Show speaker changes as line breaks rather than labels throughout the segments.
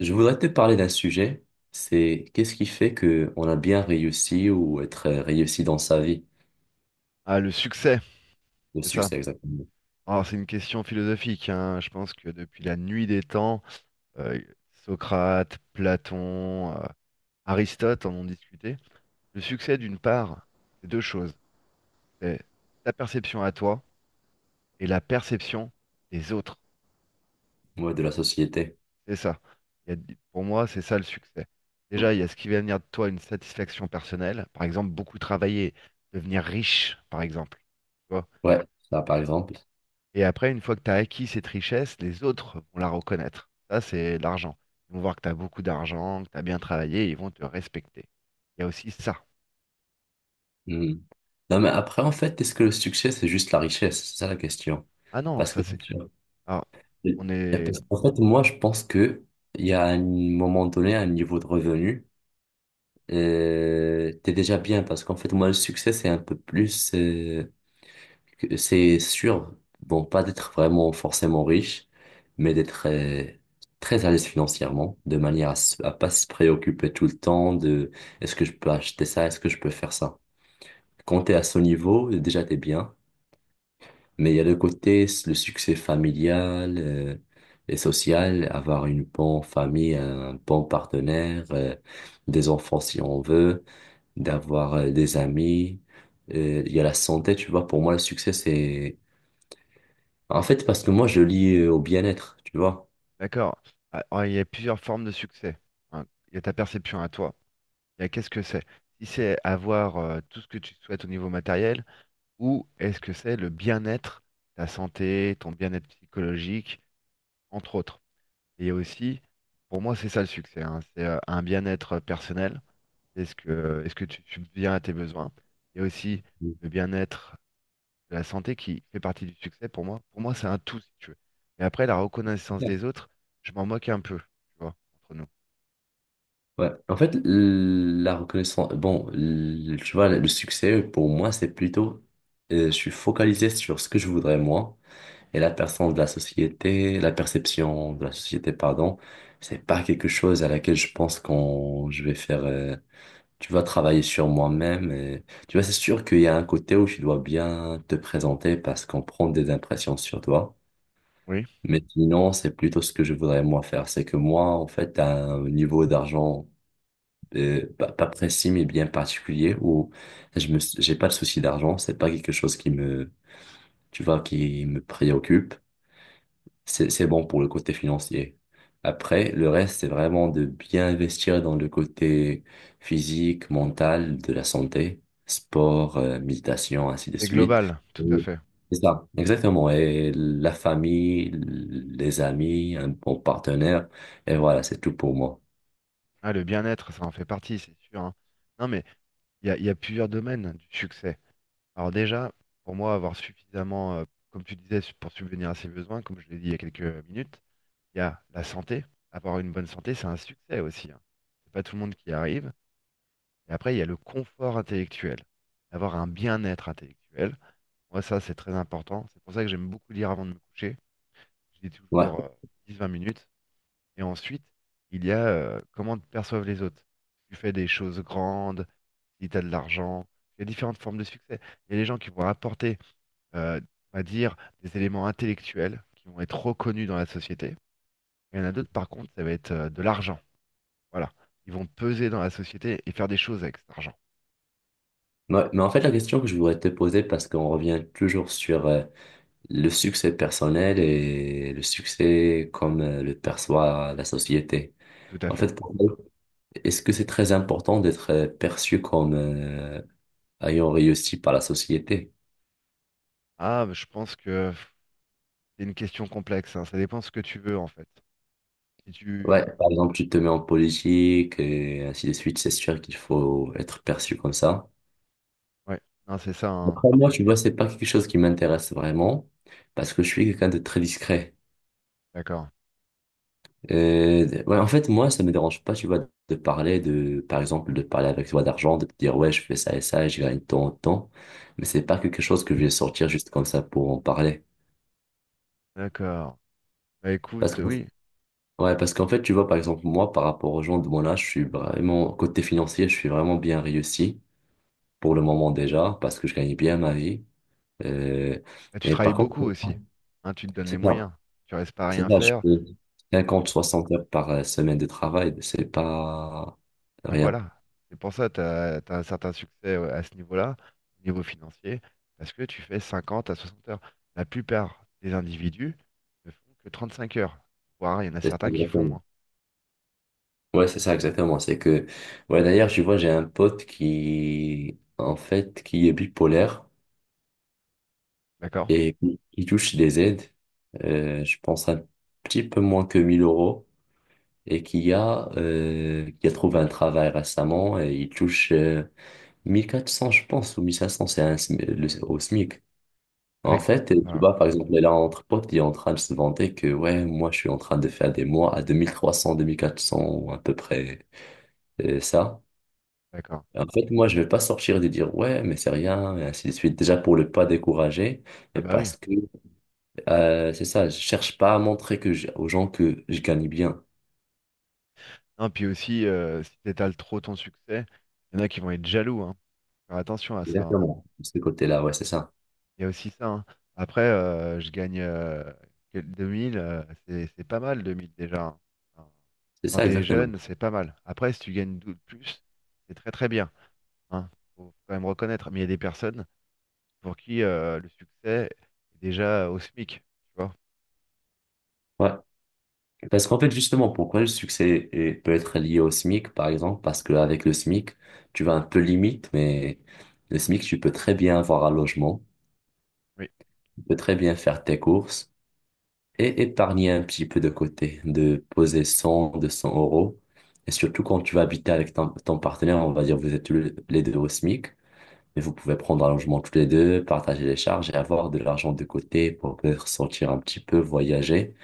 Je voudrais te parler d'un sujet, c'est qu'est-ce qui fait que on a bien réussi ou être réussi dans sa vie,
Ah, le succès,
le
c'est ça.
succès exactement,
Alors, c'est une question philosophique, hein. Je pense que depuis la nuit des temps, euh, Socrate, Platon, Aristote en ont discuté. Le succès, d'une part, c'est deux choses. C'est ta perception à toi et la perception des autres.
ouais, de la société.
C'est ça. Pour moi, c'est ça le succès. Déjà, il y a ce qui va venir de toi, une satisfaction personnelle. Par exemple, beaucoup travailler, devenir riche, par exemple. Tu vois.
Ouais, ça par exemple.
Et après, une fois que tu as acquis cette richesse, les autres vont la reconnaître. Ça, c'est l'argent. Ils vont voir que tu as beaucoup d'argent, que tu as bien travaillé, et ils vont te respecter. Il y a aussi ça.
Hmm. Non mais après en fait, est-ce que le succès c'est juste la richesse? C'est ça la question.
Ah non,
Parce
ça
que
c'est. Alors, on est
parce qu'en fait moi je pense que il y a un moment donné un niveau de revenu, t'es déjà bien parce qu'en fait moi le succès c'est un peu plus. Que c'est sûr, bon, pas d'être vraiment forcément riche, mais d'être très à l'aise financièrement, de manière à, à pas se préoccuper tout le temps de est-ce que je peux acheter ça, est-ce que je peux faire ça. Quand t'es à ce niveau, déjà t'es bien, mais il y a le côté, le succès familial et social, avoir une bonne famille, un bon partenaire, des enfants si on veut, d'avoir des amis. Il y a la santé, tu vois, pour moi, le succès, c'est en fait, parce que moi, je lis au bien-être, tu vois.
d'accord. Ah, ah, il y a plusieurs formes de succès, hein. Il y a ta perception à toi. Il y a qu'est-ce que c'est? Si c'est avoir tout ce que tu souhaites au niveau matériel, ou est-ce que c'est le bien-être, ta santé, ton bien-être psychologique, entre autres. Et il y a aussi, pour moi, c'est ça le succès, hein. C'est un bien-être personnel. Est-ce que tu subviens à tes besoins? Il y a aussi le bien-être, de la santé qui fait partie du succès pour moi. Pour moi, c'est un tout, si tu veux. Mais après, la reconnaissance
D'accord.
des autres, je m'en moque un peu, tu vois, entre nous.
Ouais. En fait, la reconnaissance, bon, tu vois, le succès, pour moi, c'est plutôt, je suis focalisé sur ce que je voudrais moi, et la personne de la société, la perception de la société, pardon, c'est pas quelque chose à laquelle je pense quand je vais faire, tu vois, travailler sur moi-même. Tu vois, c'est sûr qu'il y a un côté où tu dois bien te présenter parce qu'on prend des impressions sur toi.
Oui,
Mais sinon, c'est plutôt ce que je voudrais moi faire. C'est que moi, en fait, à un niveau d'argent pas précis, mais bien particulier, où j'ai pas de souci d'argent. C'est pas quelque chose qui me, tu vois, qui me préoccupe. C'est bon pour le côté financier. Après, le reste, c'est vraiment de bien investir dans le côté physique, mental, de la santé, sport, méditation, ainsi de
c'est
suite.
global, tout à
Et
fait.
c'est ça, exactement. Et la famille, les amis, un bon partenaire. Et voilà, c'est tout pour moi.
Ah, le bien-être, ça en fait partie, c'est sûr, hein. Non, mais il y a plusieurs domaines du succès. Alors déjà, pour moi, avoir suffisamment, comme tu disais, pour subvenir à ses besoins, comme je l'ai dit il y a quelques minutes, il y a la santé. Avoir une bonne santé, c'est un succès aussi, hein. C'est pas tout le monde qui y arrive. Et après, il y a le confort intellectuel, avoir un bien-être intellectuel. Moi, ça, c'est très important. C'est pour ça que j'aime beaucoup lire avant de me coucher. Je lis
Ouais.
toujours 10 20 minutes. Et ensuite, il y a comment te perçoivent les autres. Tu fais des choses grandes, si tu as de l'argent. Il y a différentes formes de succès. Il y a les gens qui vont apporter, euh, on va dire, des éléments intellectuels qui vont être reconnus dans la société. Il y en a d'autres, par contre, ça va être de l'argent. Voilà. Ils vont peser dans la société et faire des choses avec cet argent.
Ouais. Mais en fait, la question que je voudrais te poser, parce qu'on revient toujours sur le succès personnel et le succès comme le perçoit la société.
Tout à
En
fait.
fait, toi, est-ce que c'est très important d'être perçu comme ayant réussi par la société?
Ah, je pense que c'est une question complexe, hein. Ça dépend ce que tu veux en fait. Si
Ouais,
tu.
par exemple, tu te mets en politique et ainsi de suite, c'est sûr qu'il faut être perçu comme ça.
Ouais, non, c'est ça, hein.
Après, moi, tu vois, c'est pas quelque chose qui m'intéresse vraiment parce que je suis quelqu'un de très discret.
D'accord.
Ouais, en fait, moi, ça me dérange pas, tu vois, de parler de, par exemple, de parler avec toi d'argent, de te dire, ouais, je fais ça et ça, et je gagne tant, tant. Mais c'est pas quelque chose que je vais sortir juste comme ça pour en parler.
D'accord. Bah
Parce
écoute,
que,
oui.
ouais, parce qu'en fait, tu vois, par exemple, moi, par rapport aux gens de mon âge, je suis vraiment, côté financier, je suis vraiment bien réussi pour le moment déjà, parce que je gagne bien ma vie. Euh,
Bah, tu
et
travailles
par contre,
beaucoup aussi. Hein, tu te donnes les
c'est ça,
moyens. Tu restes pas à
c'est
rien
ça, je
faire.
fais 50 60 heures par semaine de travail, c'est pas
Ben
rien.
voilà. C'est pour ça que tu as un certain succès, ouais, à ce niveau-là, au niveau financier, parce que tu fais 50 à 60 heures. La plupart des individus ne font que 35 heures, voire il y en a
C'est ça,
certains qui font
exactement.
moins.
Ouais, c'est ça, exactement. C'est que, ouais, d'ailleurs, je vois, j'ai un pote qui, en fait, qui est bipolaire
D'accord?
et qui touche des aides, je pense un petit peu moins que 1 000 € et qui a trouvé un travail récemment et il touche, 1 400 je pense, ou 1 500, c'est un SMI au SMIC. En
Avec.
fait, tu
Ah,
vois, par exemple, là, entre potes, il est en train de se vanter que, ouais, moi, je suis en train de faire des mois à deux mille trois cents deux mille quatre cents ou à peu près, ça.
d'accord.
Et en fait, moi, je vais pas sortir de dire ouais, mais c'est rien, et ainsi de suite. Déjà pour ne pas décourager,
Ah
et
bah oui.
parce que c'est ça, je cherche pas à montrer que aux gens que je gagne bien.
Non, puis aussi, si t'étales trop ton succès, il y en a qui vont être jaloux, hein. Faire attention à ça, hein.
Exactement. De ce côté-là, ouais, c'est ça.
Il y a aussi ça, hein. Après, je gagne 2000, c'est pas mal 2000 déjà, hein. Enfin,
C'est
quand
ça,
t'es
exactement.
jeune, c'est pas mal. Après, si tu gagnes plus, c'est très très bien, hein. Faut quand même reconnaître. Mais il y a des personnes pour qui le succès est déjà au SMIC, tu vois.
Ouais. Parce qu'en fait, justement, pourquoi le succès peut être lié au SMIC, par exemple? Parce qu'avec le SMIC, tu vas un peu limite, mais le SMIC, tu peux très bien avoir un logement,
Oui,
tu peux très bien faire tes courses. Et épargner un petit peu de côté, de poser cent deux cents euros. Et surtout quand tu vas habiter avec ton, ton partenaire, on va dire vous êtes tous les deux au SMIC, mais vous pouvez prendre un logement tous les deux, partager les charges et avoir de l'argent de côté pour peut-être sortir un petit peu, voyager.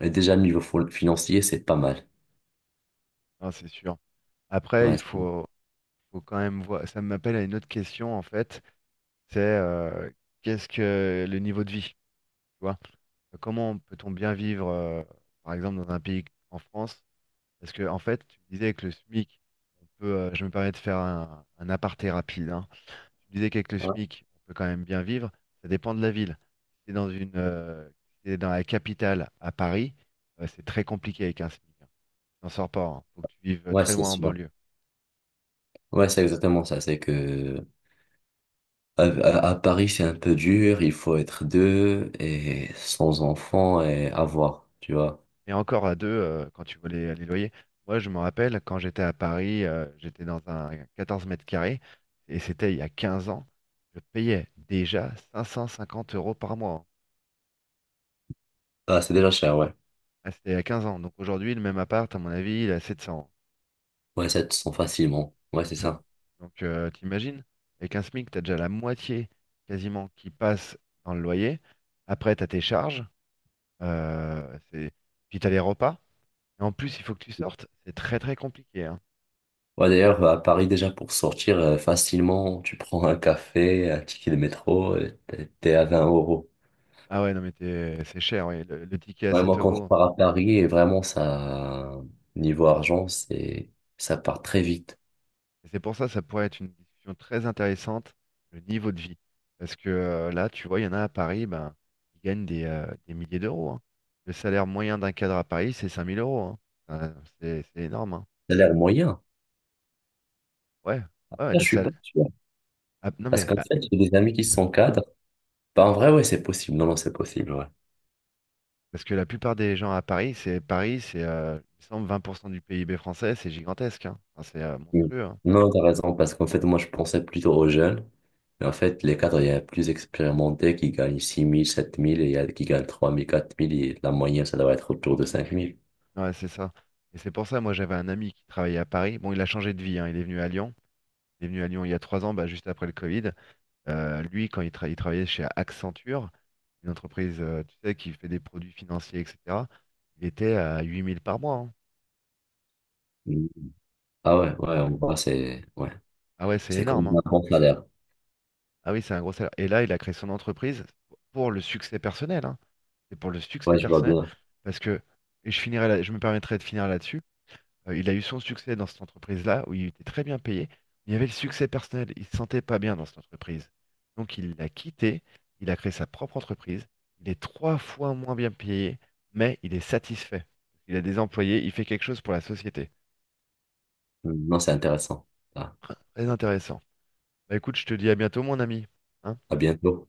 Et déjà, niveau financier, c'est pas mal.
non, c'est sûr. Après,
Ouais, c'est
faut quand même voir. Ça m'appelle à une autre question, en fait. C'est qu'est-ce que le niveau de vie, tu vois? Comment peut-on bien vivre, par exemple, dans un pays en France? Parce que, en fait, tu me disais que le SMIC, on peut, je me permets de faire un aparté rapide, hein. Tu me disais qu'avec le
ouais,
SMIC, on peut quand même bien vivre. Ça dépend de la ville. Si si t'es dans la capitale, à Paris, c'est très compliqué avec un SMIC, hein. Tu n'en sors pas, hein. Faut que tu vives
ouais,
très
c'est
loin en
sûr.
banlieue.
Ouais, c'est exactement ça. C'est que à Paris, c'est un peu dur, il faut être deux et sans enfants et avoir, tu vois.
Et encore à deux, quand tu vois les loyers. Moi, je me rappelle, quand j'étais à Paris, j'étais dans un 14 mètres carrés, et c'était il y a 15 ans, je payais déjà 550 euros par mois, hein.
Ah, c'est déjà cher, ouais.
Ah, c'était il y a 15 ans. Donc aujourd'hui, le même appart, à mon avis, il est à 700.
Ouais, 700 facilement. Ouais, c'est
Enfin,
ça.
donc t'imagines, avec un SMIC, t'as déjà la moitié quasiment qui passe dans le loyer. Après, t'as tes charges, c'est. Puis t'as les repas. Et en plus, il faut que tu sortes. C'est très très compliqué, hein.
Ouais, d'ailleurs, à Paris, déjà, pour sortir facilement, tu prends un café, un ticket de métro, t'es à 20 euros.
Ah ouais, non mais t'es- c'est cher, ouais. Le ticket à
Ouais,
7
moi, quand je
euros.
pars à Paris, et vraiment, ça, niveau argent, ça part très vite.
Et c'est pour ça, ça pourrait être une discussion très intéressante, le niveau de vie. Parce que là, tu vois, il y en a à Paris, ben, ils gagnent des milliers d'euros, hein. Le salaire moyen d'un cadre à Paris, c'est 5 000 euros, hein. Euh, c'est énorme, hein.
Ça a l'air moyen.
Ouais,
Ça,
ouais, ouais,
je
le
suis pas
salaire.
sûr.
Non
Parce
mais,
qu'en
ah,
fait, j'ai des amis qui sont cadres. Bah, en vrai, ouais, c'est possible. Non, non, c'est possible. Ouais.
parce que la plupart des gens à Paris, c'est, il me semble, 20% du PIB français, c'est gigantesque, hein. Enfin, c'est
Mm.
monstrueux, hein.
Non, t'as raison, parce qu'en fait, moi, je pensais plutôt aux jeunes. Mais en fait, les cadres, il y a plus expérimentés qui gagnent six mille sept mille et il y a qui gagnent trois mille quatre mille et la moyenne, ça doit être autour de 5 000.
Ouais, c'est ça. Et c'est pour ça, moi, j'avais un ami qui travaillait à Paris. Bon, il a changé de vie, hein, il est venu à Lyon. Il est venu à Lyon il y a 3 ans, bah, juste après le Covid. Lui, il travaillait chez Accenture, une entreprise, tu sais, qui fait des produits financiers, etc., il était à 8000 par mois, hein.
Mm. Ah
Ça fait.
ouais, ouais, on voit, c'est ouais.
Ah ouais, c'est
C'est
énorme,
comme
hein.
un bon salaire.
Ah oui, c'est un gros salaire. Et là, il a créé son entreprise pour le succès personnel, hein. C'est pour le succès
Ouais, je vois
personnel.
bien.
Parce que, et je me permettrai de finir là-dessus. Il a eu son succès dans cette entreprise-là, où il était très bien payé, mais il y avait le succès personnel, il se sentait pas bien dans cette entreprise. Donc il l'a quitté, il a créé sa propre entreprise, il est trois fois moins bien payé, mais il est satisfait. Il a des employés, il fait quelque chose pour la société.
Mm. Non, c'est intéressant. Ah,
Très intéressant. Bah écoute, je te dis à bientôt mon ami, hein.
à bientôt.